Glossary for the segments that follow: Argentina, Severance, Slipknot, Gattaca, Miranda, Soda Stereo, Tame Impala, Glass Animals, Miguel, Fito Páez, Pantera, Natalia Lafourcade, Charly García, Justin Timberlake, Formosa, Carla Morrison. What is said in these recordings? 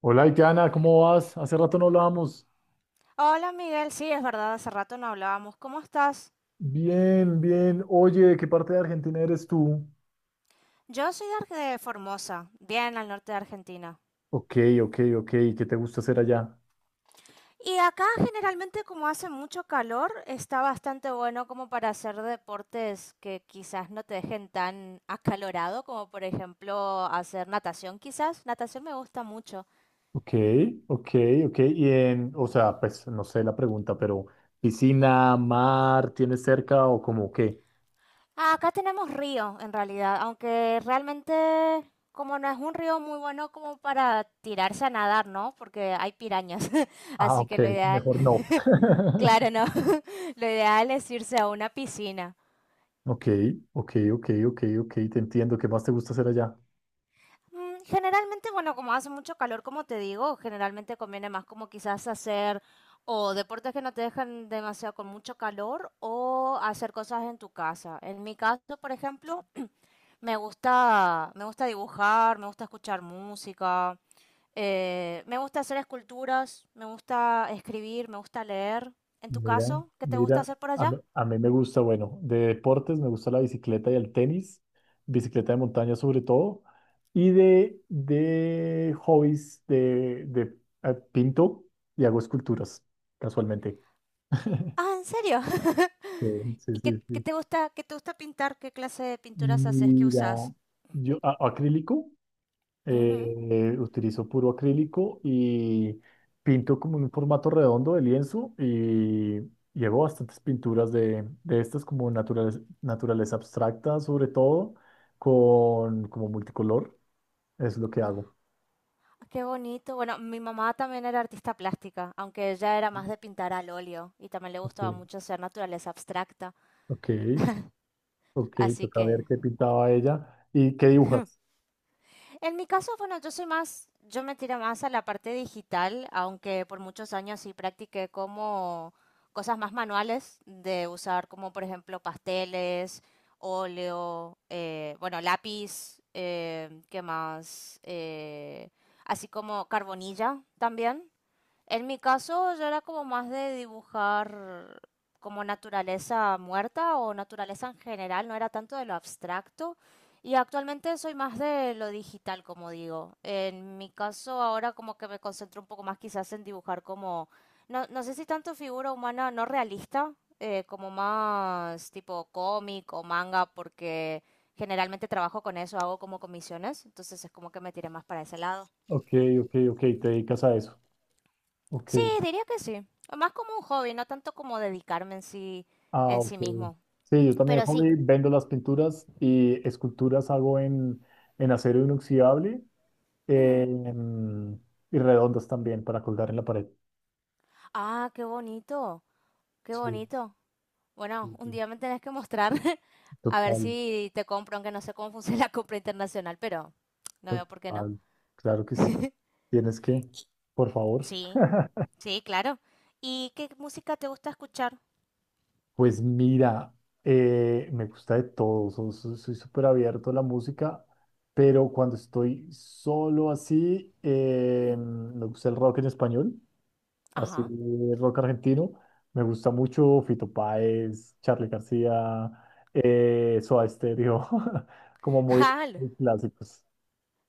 Hola, Itiana, ¿cómo vas? Hace rato no hablábamos. Hola Miguel, sí, es verdad, hace rato no hablábamos. ¿Cómo estás? Bien, bien. Oye, ¿de qué parte de Argentina eres tú? Yo soy de de Formosa, bien al norte de Argentina. Ok, ok, ok. ¿Qué te gusta hacer allá? Y acá generalmente como hace mucho calor, está bastante bueno como para hacer deportes que quizás no te dejen tan acalorado, como por ejemplo hacer natación quizás. Natación me gusta mucho. Ok, ok, ok. Y en, o sea, pues no sé la pregunta, pero ¿piscina, mar, tienes cerca o como qué? Ah, acá tenemos río en realidad, aunque realmente como no es un río muy bueno como para tirarse a nadar, ¿no? Porque hay pirañas, Ah, así ok, que lo ideal mejor no. Claro, no. Lo ideal es irse a una piscina. Ok, ok, ok, ok, ok. Te entiendo. ¿Qué más te gusta hacer allá? Generalmente, bueno, como hace mucho calor, como te digo, generalmente conviene más como quizás hacer o deportes que no te dejan demasiado con mucho calor o hacer cosas en tu casa. En mi caso, por ejemplo, me gusta dibujar, me gusta escuchar música, me gusta hacer esculturas, me gusta escribir, me gusta leer. En tu Mira, caso, ¿qué te gusta mira, hacer por allá? A mí me gusta, bueno, de deportes me gusta la bicicleta y el tenis, bicicleta de montaña sobre todo, y de hobbies de, pinto y hago esculturas, casualmente. Ah, ¿en serio? Sí, sí, ¿Y sí, sí. Qué te gusta pintar? ¿Qué clase de pinturas haces? ¿Qué Mira, usas? Acrílico, Ujú. Utilizo puro acrílico y pinto como en un formato redondo de lienzo y llevo bastantes pinturas de estas como naturaleza, naturaleza abstracta, sobre todo con como multicolor. Es lo que hago. Qué bonito. Bueno, mi mamá también era artista plástica, aunque ella era más de pintar al óleo y también le Ok, gustaba mucho hacer naturaleza abstracta. ok, ok, Así toca que ver qué pintaba ella y qué dibujas. en mi caso, bueno, yo me tiro más a la parte digital, aunque por muchos años sí practiqué como cosas más manuales de usar, como por ejemplo pasteles, óleo, bueno, lápiz, ¿qué más? Así como carbonilla también. En mi caso, yo era como más de dibujar como naturaleza muerta o naturaleza en general, no era tanto de lo abstracto. Y actualmente soy más de lo digital, como digo. En mi caso, ahora como que me concentro un poco más quizás en dibujar como, no sé si tanto figura humana no realista, como más tipo cómic o manga, porque generalmente trabajo con eso, hago como comisiones, entonces es como que me tiré más para ese lado. Ok, ok, ok, te dedicas a eso. Ok. Sí, diría que sí. Más como un hobby, no tanto como dedicarme Ah, en ok. sí mismo. Sí, yo también, Pero sí. hobby, vendo las pinturas y esculturas hago en acero inoxidable, eh, Ujú. en- y redondas también para colgar en la pared. Ah, qué bonito, qué Sí, bonito. Bueno, sí, un sí. día me tenés que mostrar. A ver Total, si te compro, aunque no sé cómo funciona la compra internacional, pero no veo por qué no. total. Claro que sí. Tienes que, por favor. Sí, sí, claro. ¿Y qué música te gusta escuchar? Pues mira, me gusta de todo, soy súper abierto a la música, pero cuando estoy solo así, Mm. me gusta el rock en español. Así Ajá. rock argentino. Me gusta mucho Fito Páez, Charly García, Soda Stereo, como muy, Ah, muy clásicos.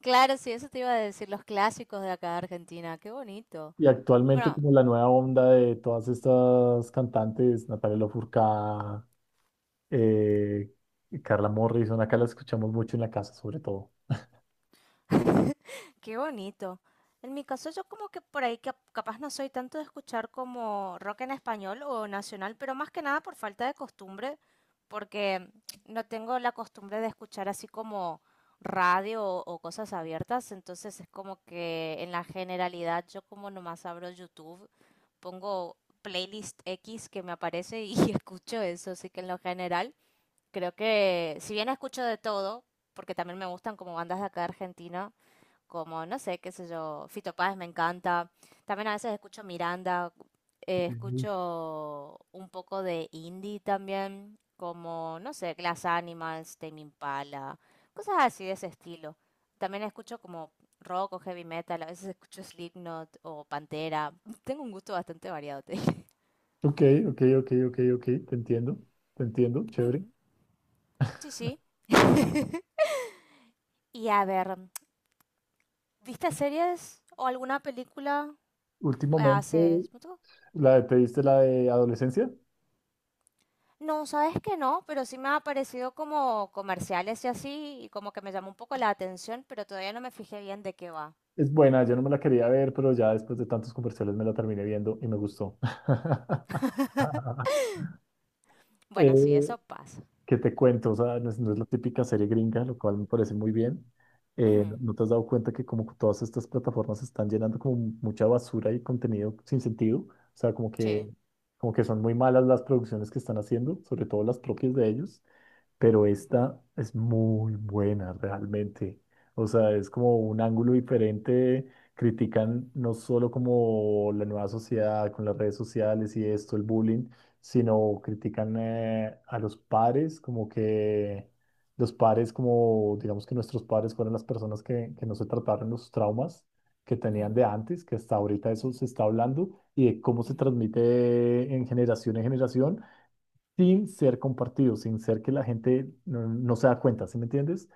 claro, sí, eso te iba a decir, los clásicos de acá de Argentina. Qué bonito. Y actualmente Bueno. como la nueva onda de todas estas cantantes, Natalia Lafourcade, eh, y Carla Morrison, acá las escuchamos mucho en la casa sobre todo. Qué bonito. En mi caso, yo como que por ahí capaz no soy tanto de escuchar como rock en español o nacional, pero más que nada por falta de costumbre, porque no tengo la costumbre de escuchar así como radio o cosas abiertas, entonces es como que en la generalidad yo como nomás abro YouTube, pongo playlist X que me aparece y escucho eso, así que en lo general creo que si bien escucho de todo, porque también me gustan como bandas de acá de Argentina, como, no sé, qué sé yo, Fito Páez me encanta. También a veces escucho Miranda, Ujú. escucho un poco de indie también, como, no sé, Glass Animals, Tame Impala, cosas así de ese estilo. También escucho como rock o heavy metal, a veces escucho Slipknot o Pantera. Tengo un gusto bastante variado, te dije. Ok, ok, ok, ok, ok, te entiendo, chévere. Ujú. Sí, sí. Y a ver, ¿viste series o alguna película hace Últimamente, ¿te diste la de adolescencia? No, sabes que no, pero sí me ha aparecido como comerciales y así, y como que me llamó un poco la atención, pero todavía no me fijé bien de qué va. Es buena, yo no me la quería ver, pero ya después de tantos comerciales me la terminé viendo y me gustó. Bueno, sí, Eh, eso pasa. ¿qué te cuento? O sea, no es la típica serie gringa, lo cual me parece muy bien. ¿No Ujú. no te has dado cuenta que como que todas estas plataformas están llenando como mucha basura y contenido sin sentido? O sea, Sí. como que son muy malas las producciones que están haciendo, sobre todo las propias de ellos, pero Ujú, esta es muy buena realmente. O sea, es como un ángulo diferente. Critican no solo como la nueva sociedad con las redes sociales y esto, el bullying, sino critican a los padres, como que los padres, como digamos que nuestros padres fueron las personas que no se trataron los traumas que tenían mm, de antes, que hasta ahorita eso se mm, está hablando y de cómo se mm. transmite en generación sin ser compartido, sin ser que la gente no se da cuenta, ¿sí me entiendes?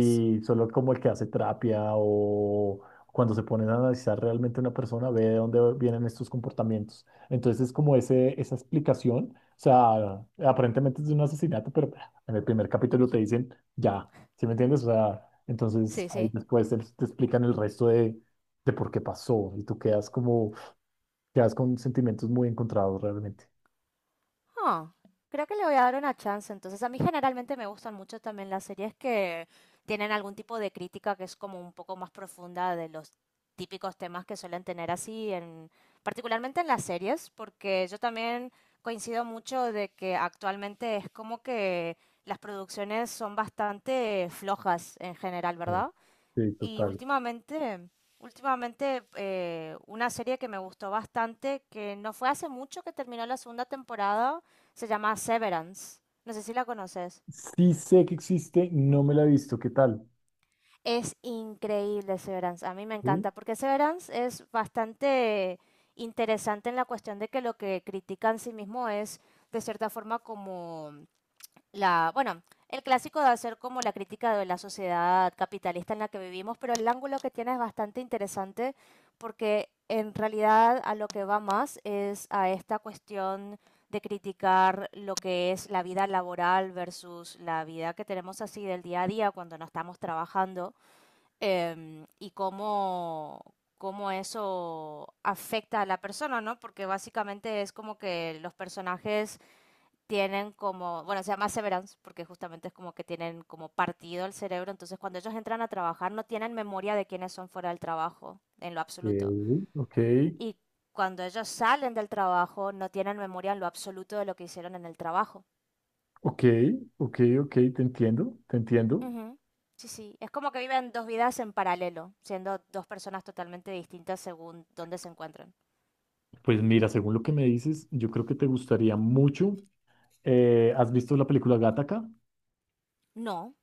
S- solo como el que hace terapia o cuando se ponen a analizar realmente una persona, ve de dónde vienen estos comportamientos. Entonces es como esa explicación, o sea, aparentemente es de un asesinato, pero en el primer capítulo te dicen, ya, ¿sí me entiendes? O sea, entonces Sí, ahí sí. después te explican el resto de por qué pasó y tú quedas quedas con sentimientos muy encontrados realmente. Ah, creo que le voy a dar una chance. Entonces, a mí generalmente me gustan mucho también las series que tienen algún tipo de crítica que es como un poco más profunda de los típicos temas que suelen tener particularmente en las series, porque yo también coincido mucho de que actualmente es como que las producciones son bastante flojas en general, Sí, ¿verdad? sí, Y total. Últimamente una serie que me gustó bastante, que no fue hace mucho que terminó la segunda temporada, se llama Severance. No sé si la conoces. Sí sé que existe, no me la he visto. ¿Qué tal? Es increíble Severance, a mí me Sí, encanta, porque Severance es bastante interesante en la cuestión de que lo que critica en sí mismo es de cierta forma como bueno, el clásico de hacer como la crítica de la sociedad capitalista en la que vivimos, pero el ángulo que tiene es bastante interesante porque en realidad a lo que va más es a esta cuestión de criticar lo que es la vida laboral versus la vida que tenemos así del día a día cuando no estamos trabajando, y cómo eso afecta a la persona, ¿no? Porque básicamente es como que los personajes tienen como, bueno, se llama severance porque justamente es como que tienen como partido el cerebro, entonces cuando ellos entran a trabajar no tienen memoria de quiénes son fuera del trabajo, en lo absoluto. Ok, Y cuando ellos salen del trabajo no tienen memoria en lo absoluto de lo que hicieron en el trabajo. ok, ok, ok, te entiendo, te entiendo. Ujú. Sí, sí, es como que viven dos vidas en paralelo, siendo dos personas totalmente distintas según dónde se encuentran. Pues mira, según lo que me dices, yo creo que te gustaría mucho. ¿Has visto la película Gattaca? No,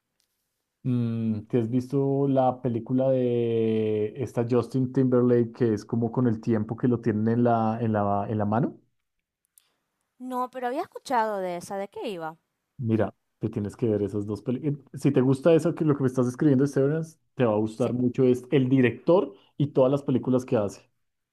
¿Te has visto la película de esta Justin Timberlake que es como con el tiempo que lo tienen en la, en la mano? no, pero había escuchado de esa, ¿de qué iba? Mira, te tienes que ver esas dos películas. Si te gusta eso que lo que me estás escribiendo de Severance, te va a Sí. gustar mucho, es el director y todas las películas que hace.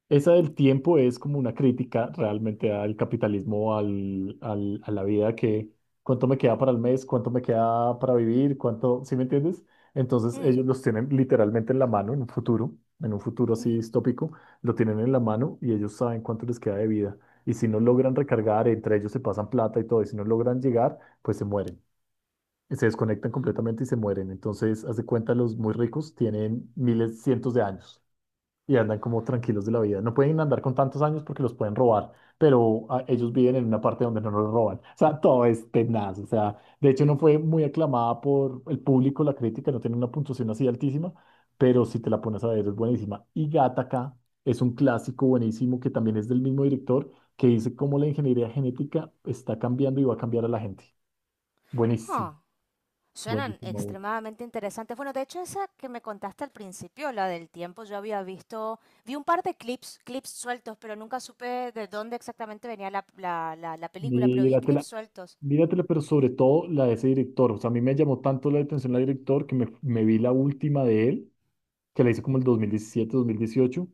Esa del tiempo es como una crítica realmente al capitalismo, a la vida que cuánto me queda para el mes, cuánto me queda para vivir, cuánto, ¿sí me entiendes? Entonces Mm, ellos los tienen literalmente en la mano en un futuro así mm. distópico, lo tienen en la mano y ellos saben cuánto les queda de vida. Y si no logran recargar, entre ellos se pasan plata y todo, y si no logran llegar, pues se mueren. Se desconectan completamente y se mueren. Entonces, haz de cuenta, los muy ricos tienen miles, cientos de años y andan como tranquilos de la vida. No pueden andar con tantos años porque los pueden robar, pero ellos viven en una parte donde no los roban. O sea, todo es tenaz. O sea, de hecho no fue muy aclamada por el público, la crítica no tiene una puntuación así altísima, pero si te la pones a ver es buenísima. Y Gattaca es un clásico buenísimo que también es del mismo director, que dice cómo la ingeniería genética está cambiando y va a cambiar a la gente. Buenísimo, Ah, suenan buenísimo, buenísimo. extremadamente interesantes. Bueno, de hecho, esa que me contaste al principio, la del tiempo, yo había visto, vi un par de clips sueltos, pero nunca supe de dónde exactamente venía la película, pero vi clips Míratela. sueltos. Míratela, pero sobre todo la de ese director. O sea, a mí me llamó tanto la atención la director que me vi la última de él, que la hice como el 2017, 2018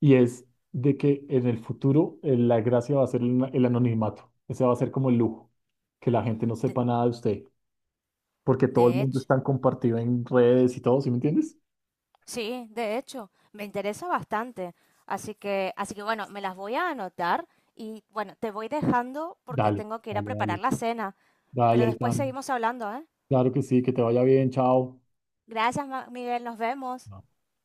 y es de que en el futuro, la gracia va a ser el anonimato. Ese va a ser como el lujo, que la gente no De, sepa nada de usted, porque todo el de mundo hecho, está compartido en redes y todo, ¿sí me entiendes? sí, de hecho, me interesa bastante. Así que bueno, me las voy a anotar y bueno, te voy dejando porque Dale, tengo que ir a dale, preparar dale. la cena, Dale, pero después Aitana. seguimos hablando, ¿eh? Claro que sí, que te vaya bien, chao. Gracias, Miguel, nos vemos.